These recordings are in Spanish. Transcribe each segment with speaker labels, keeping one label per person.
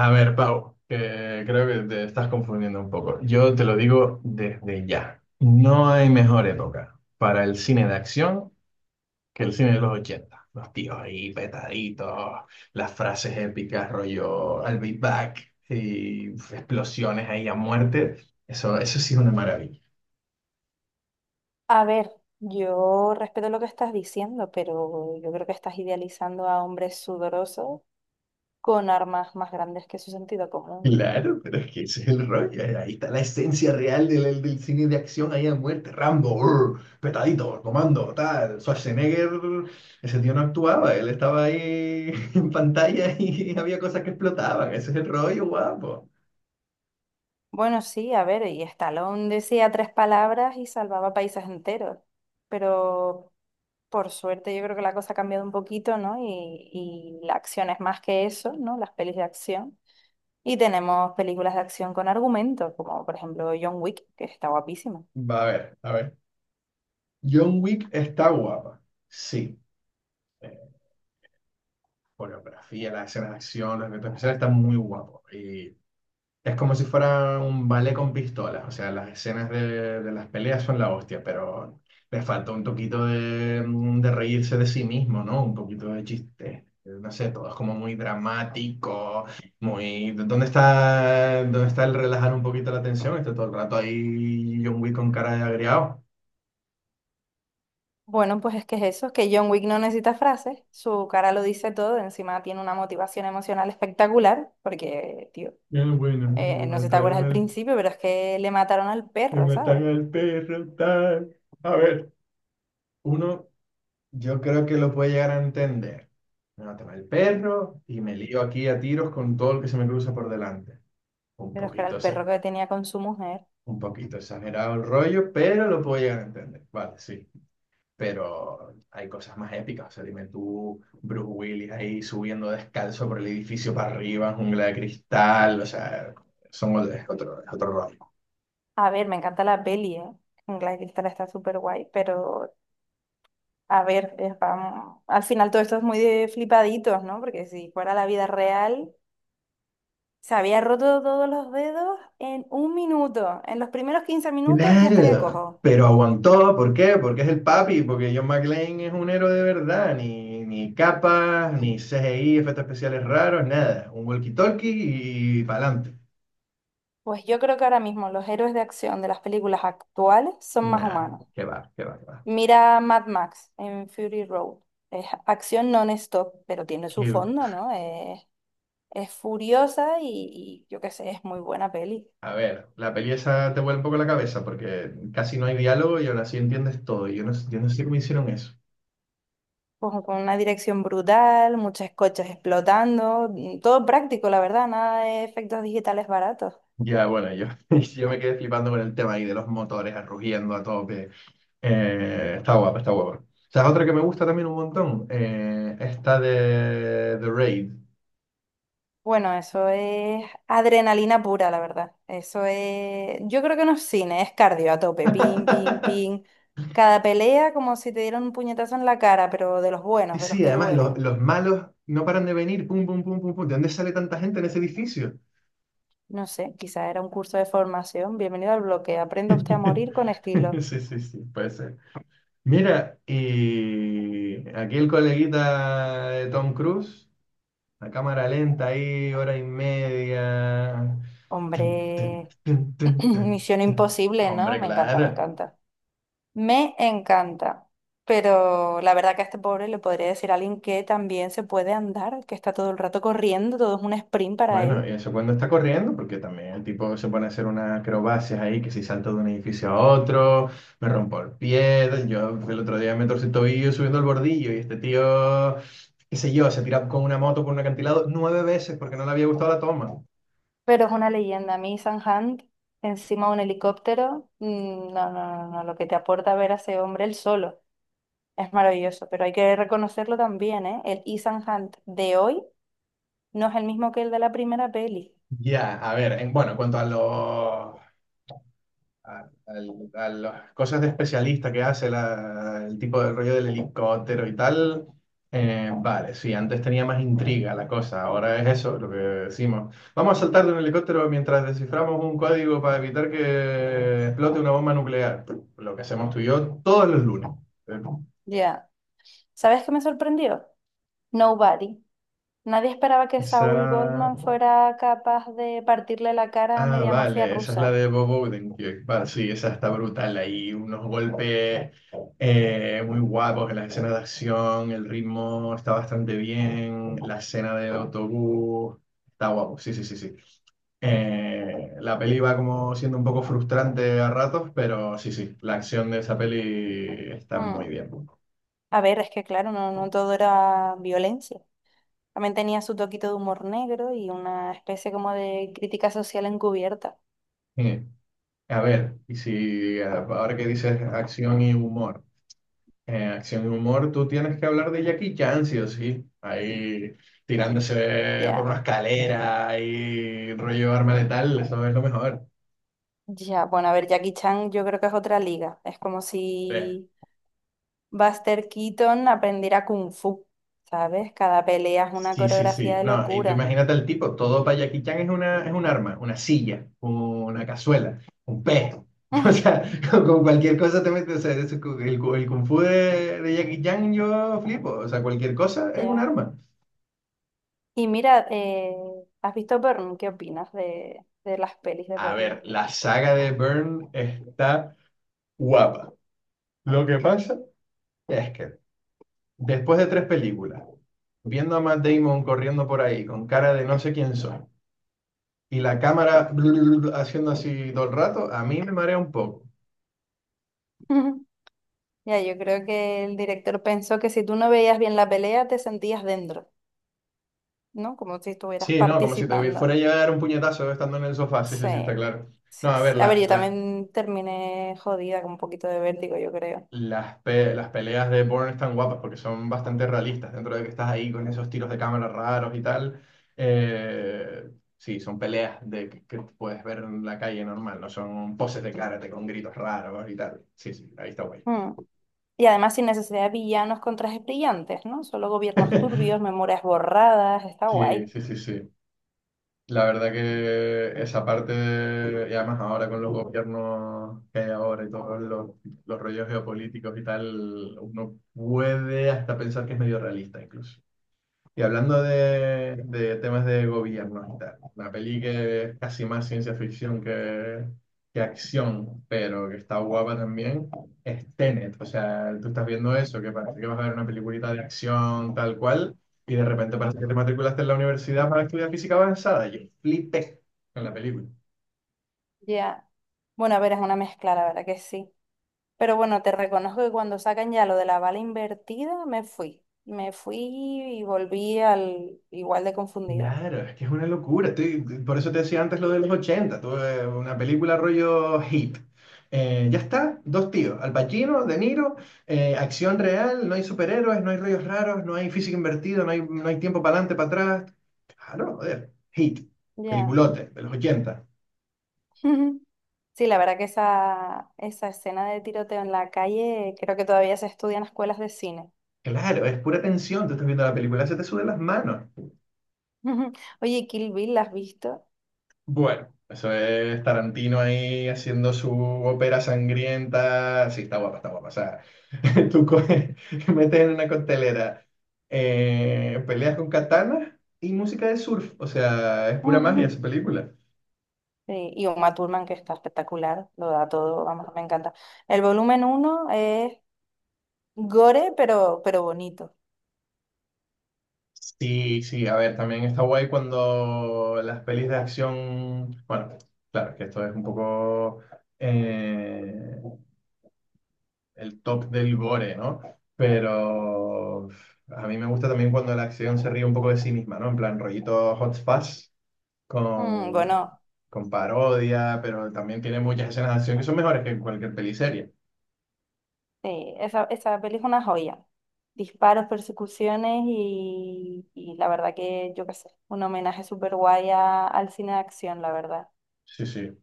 Speaker 1: A ver, Pau, que creo que te estás confundiendo un poco. Yo te lo digo desde ya. No hay mejor época para el cine de acción que el cine de los 80. Los tíos ahí petaditos, las frases épicas, rollo I'll be back y explosiones ahí a muerte. Eso sí es una maravilla.
Speaker 2: A ver, yo respeto lo que estás diciendo, pero yo creo que estás idealizando a hombres sudorosos con armas más grandes que su sentido común.
Speaker 1: Claro, pero es que ese es el rollo. Ahí está la esencia real del cine de acción ahí a muerte. Rambo, urr, petadito, comando, tal. Schwarzenegger, ese tío no actuaba, él estaba ahí en pantalla y había cosas que explotaban. Ese es el rollo, guapo.
Speaker 2: Bueno, sí, a ver, y Stallone decía tres palabras y salvaba países enteros, pero por suerte yo creo que la cosa ha cambiado un poquito, ¿no? Y la acción es más que eso, ¿no? Las pelis de acción. Y tenemos películas de acción con argumentos, como por ejemplo John Wick, que está guapísima.
Speaker 1: Va a ver, a ver. John Wick está guapa. Sí. Eh, Coreografía, las escenas de acción, los efectos especiales están muy guapos. Es como si fuera un ballet con pistolas, o sea, las escenas de las peleas son la hostia, pero le falta un poquito de reírse de sí mismo, ¿no? Un poquito de chiste. No sé, todo es como muy dramático, muy ¿dónde está, dónde está el relajar un poquito la tensión? Está todo el rato ahí John Wick con cara de agriado.
Speaker 2: Bueno, pues es que es eso, que John Wick no necesita frases, su cara lo dice todo, encima tiene una motivación emocional espectacular, porque, tío,
Speaker 1: Bueno,
Speaker 2: no sé si te acuerdas al principio, pero es que le mataron al
Speaker 1: me
Speaker 2: perro, ¿sabes?
Speaker 1: mataron al perro, tal. A ver, uno yo creo que lo puede llegar a entender. Me mata el perro y me lío aquí a tiros con todo lo que se me cruza por delante. Un
Speaker 2: Pero es que era
Speaker 1: poquito,
Speaker 2: el perro
Speaker 1: exa-
Speaker 2: que tenía con su mujer.
Speaker 1: un poquito exagerado el rollo, pero lo puedo llegar a entender. Vale, sí. Pero hay cosas más épicas. O sea, dime tú, Bruce Willis ahí subiendo descalzo por el edificio para arriba, en jungla de cristal. O sea, son otro, es otro, es otro rollo.
Speaker 2: A ver, me encanta la peli, ¿eh? Claro Cristal está súper guay, pero a ver, al final todo esto es muy de flipaditos, ¿no? Porque si fuera la vida real, se había roto todos los dedos en un minuto, en los primeros 15 minutos ya estaría
Speaker 1: Claro,
Speaker 2: cojo.
Speaker 1: pero aguantó, ¿por qué? Porque es el papi, porque John McClane es un héroe de verdad, ni capas, ni CGI, efectos especiales raros, nada. Un walkie-talkie y pa'lante.
Speaker 2: Pues yo creo que ahora mismo los héroes de acción de las películas actuales son más
Speaker 1: Nah,
Speaker 2: humanos.
Speaker 1: qué va, qué va, qué va.
Speaker 2: Mira Mad Max en Fury Road. Es acción non-stop, pero tiene su
Speaker 1: Qué-
Speaker 2: fondo, ¿no? Es furiosa y yo qué sé, es muy buena peli.
Speaker 1: A ver, la peli esa te vuelve un poco la cabeza porque casi no hay diálogo y aún así entiendes todo. Yo no sé cómo hicieron eso.
Speaker 2: Con una dirección brutal, muchas coches explotando, todo práctico, la verdad, nada de efectos digitales baratos.
Speaker 1: Ya, bueno, yo, yo me quedé flipando con el tema ahí de los motores rugiendo a tope. Está guapa, está guapa. ¿Sabes otra que me gusta también un montón? Esta de The Raid.
Speaker 2: Bueno, eso es adrenalina pura, la verdad. Eso es, yo creo que no es cine, es cardio a tope, pin, pin, pin. Cada pelea como si te dieran un puñetazo en la cara, pero de los
Speaker 1: Sí,
Speaker 2: buenos, de los
Speaker 1: sí,
Speaker 2: que
Speaker 1: además los,
Speaker 2: duelen.
Speaker 1: los malos no paran de venir, pum, pum, pum, pum, pum. ¿De dónde sale tanta gente en ese edificio?
Speaker 2: No sé, quizás era un curso de formación. Bienvenido al bloque. Aprenda usted a morir con estilo.
Speaker 1: Sí, sí, sí, puede ser. Mira, y aquí el coleguita de Tom Cruise, la cámara lenta ahí, hora y media. Tun, tun,
Speaker 2: Hombre,
Speaker 1: tun, tun, tun,
Speaker 2: misión
Speaker 1: tun.
Speaker 2: imposible, ¿no?
Speaker 1: Hombre,
Speaker 2: Me encanta, me
Speaker 1: claro.
Speaker 2: encanta. Me encanta. Pero la verdad que a este pobre le podría decir a alguien que también se puede andar, que está todo el rato corriendo, todo es un sprint para
Speaker 1: Bueno, y
Speaker 2: él.
Speaker 1: eso cuando está corriendo, porque también el tipo se pone a hacer unas acrobacias ahí, que si salto de un edificio a otro, me rompo el pie, yo el otro día me torcí el tobillo subiendo el bordillo y este tío, qué sé yo, se tira con una moto por un acantilado nueve veces porque no le había gustado la toma.
Speaker 2: Pero es una leyenda. A mí, Hunt, encima de un helicóptero, mm, no, no, no, no, lo que te aporta ver a ese hombre él solo es maravilloso. Pero hay que reconocerlo también, ¿eh? El Ethan Hunt de hoy no es el mismo que el de la primera peli.
Speaker 1: Ya, a ver, bueno, en cuanto a los a las cosas de especialista que hace el tipo de rollo del helicóptero y tal. Vale, sí, antes tenía más intriga la cosa, ahora es eso lo que decimos. Vamos a saltar de un helicóptero mientras desciframos un código para evitar que explote una bomba nuclear. Lo que hacemos tú y yo todos los lunes.
Speaker 2: Ya. ¿Sabes qué me sorprendió? Nobody. Nadie esperaba que
Speaker 1: Esa
Speaker 2: Saúl Goldman fuera capaz de partirle la cara a
Speaker 1: Ah,
Speaker 2: media mafia
Speaker 1: vale, esa es la
Speaker 2: rusa.
Speaker 1: de Bob Odenkirk. Vale, sí, esa está brutal. Ahí unos golpes muy guapos en las escenas de acción, el ritmo está bastante bien, la escena del autobús está guapo. Sí, sí, sí, sí. La peli va como siendo un poco frustrante a ratos, pero sí, sí, la acción de esa peli está muy
Speaker 2: Mm.
Speaker 1: bien.
Speaker 2: A ver, es que claro, no, no todo era violencia. También tenía su toquito de humor negro y una especie como de crítica social encubierta.
Speaker 1: Eh, a ver, y si ahora que dices acción y humor. Acción y humor, tú tienes que hablar de Jackie Chan, sí o sí. Ahí tirándose por
Speaker 2: Ya,
Speaker 1: una escalera y rollo arma letal, eso es lo mejor.
Speaker 2: ya. Bueno, a ver, Jackie Chan yo creo que es otra liga. Es como
Speaker 1: Eh,
Speaker 2: si Buster Keaton aprendiera Kung Fu, ¿sabes? Cada pelea es una
Speaker 1: sí, sí, sí.
Speaker 2: coreografía de
Speaker 1: No, y tú
Speaker 2: locura.
Speaker 1: imagínate al tipo, todo para Jackie Chan es una, es un arma, una silla, una cazuela, un pez. O sea, con cualquier cosa te metes. O sea, eso- es cu- el kung fu de Jackie Chan yo flipo. O sea, cualquier cosa es un
Speaker 2: Ya.
Speaker 1: arma.
Speaker 2: Y mira, ¿has visto Burn? ¿Qué opinas de las pelis de
Speaker 1: A
Speaker 2: Burn?
Speaker 1: ver, la saga de Burn está guapa. Lo que pasa es que después de tres películas, viendo a Matt Damon corriendo por ahí con cara de no sé quién soy y la cámara haciendo así todo el rato, a mí me marea un poco.
Speaker 2: Ya, yo creo que el director pensó que si tú no veías bien la pelea, te sentías dentro, ¿no? Como si estuvieras
Speaker 1: Sí, no, como si te
Speaker 2: participando.
Speaker 1: fuera a llegar un puñetazo estando en el sofá, sí, sí,
Speaker 2: Sí,
Speaker 1: sí, está claro. No,
Speaker 2: sí,
Speaker 1: a ver,
Speaker 2: sí. A ver, yo también terminé jodida con un poquito de vértigo, yo creo.
Speaker 1: Las peleas de Bourne están guapas porque son bastante realistas, dentro de que estás ahí con esos tiros de cámara raros y tal. eh, sí, son peleas que puedes ver en la calle normal, no son poses de karate con gritos raros y tal. Sí, sí, ahí está guay.
Speaker 2: Mm. Y además sin necesidad de villanos con trajes brillantes, ¿no? Solo gobiernos turbios, memorias borradas, está
Speaker 1: Sí,
Speaker 2: guay.
Speaker 1: sí, sí, sí. La verdad que esa parte, y además ahora con los gobiernos que hay ahora y todos los rollos geopolíticos y tal, uno puede hasta pensar que es medio realista incluso. Y hablando de temas de gobierno y tal, una peli que es casi más ciencia ficción que acción, pero que está guapa también, es Tenet. O sea, tú estás viendo eso, que parece que vas a ver una peliculita de acción tal cual, y de repente parece que te matriculaste en la universidad para estudiar física avanzada. Yo flipé con la película.
Speaker 2: Ya. Bueno, a ver, es una mezcla, la verdad que sí. Pero bueno, te reconozco que cuando sacan ya lo de la bala invertida, me fui. Me fui y volví al igual de confundida.
Speaker 1: Claro, es que es una locura. Por eso te decía antes lo de los 80. Tuve una película rollo hit. Ya está, dos tíos, Al Pacino, De Niro, acción real, no hay superhéroes, no hay rollos raros, no hay física invertida, no hay tiempo para adelante, para atrás. Claro, joder, hit,
Speaker 2: Ya.
Speaker 1: peliculote de los 80.
Speaker 2: Sí, la verdad que esa escena de tiroteo en la calle creo que todavía se estudia en escuelas de cine.
Speaker 1: Claro, es pura tensión, tú estás viendo la película, se te suben las manos.
Speaker 2: Oye, Kill Bill, ¿la has visto?
Speaker 1: Bueno, eso es Tarantino ahí haciendo su ópera sangrienta. Sí, está guapa, está guapa. O sea, tú coges, metes en una costelera peleas con katanas y música de surf. O sea, es pura magia
Speaker 2: Ujú.
Speaker 1: esa película.
Speaker 2: Sí, y Uma Thurman, que está espectacular, lo da todo, vamos, me encanta. El volumen uno es gore, pero bonito.
Speaker 1: Sí, sí, a ver, también está guay cuando las pelis de acción. Bueno, claro, que esto es un poco. eh, el top del gore, ¿no? Pero a mí me gusta también cuando la acción se ríe un poco de sí misma, ¿no? En plan, rollito Hot Fuzz
Speaker 2: Mm,
Speaker 1: con,
Speaker 2: bueno,
Speaker 1: con parodia, pero también tiene muchas escenas de acción que son mejores que cualquier peliserie.
Speaker 2: sí, esa peli es una joya. Disparos, persecuciones y la verdad que, yo qué sé, un homenaje súper guay a- al cine de acción, la verdad.
Speaker 1: Sí, sí.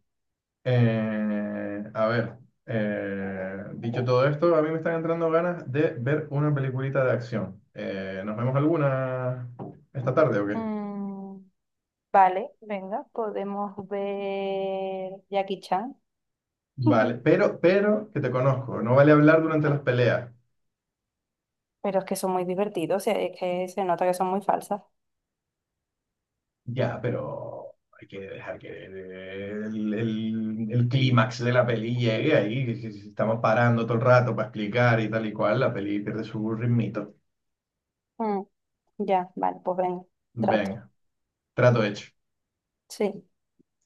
Speaker 1: A ver, dicho todo esto, a mí me están entrando ganas de ver una peliculita de acción. ¿Nos vemos alguna esta tarde o qué?
Speaker 2: Mm, vale, venga, podemos ver Jackie Chan.
Speaker 1: Vale, pero que te conozco, no vale hablar durante las peleas.
Speaker 2: Pero es que son muy divertidos, y es que se nota que son muy falsas.
Speaker 1: Ya, pero hay que dejar que el clímax de la peli llegue ahí. Que Si, si estamos parando todo el rato para explicar y tal y cual, la peli pierde su ritmito.
Speaker 2: Mm, ya, vale, pues venga, trato.
Speaker 1: Venga, trato hecho.
Speaker 2: Sí.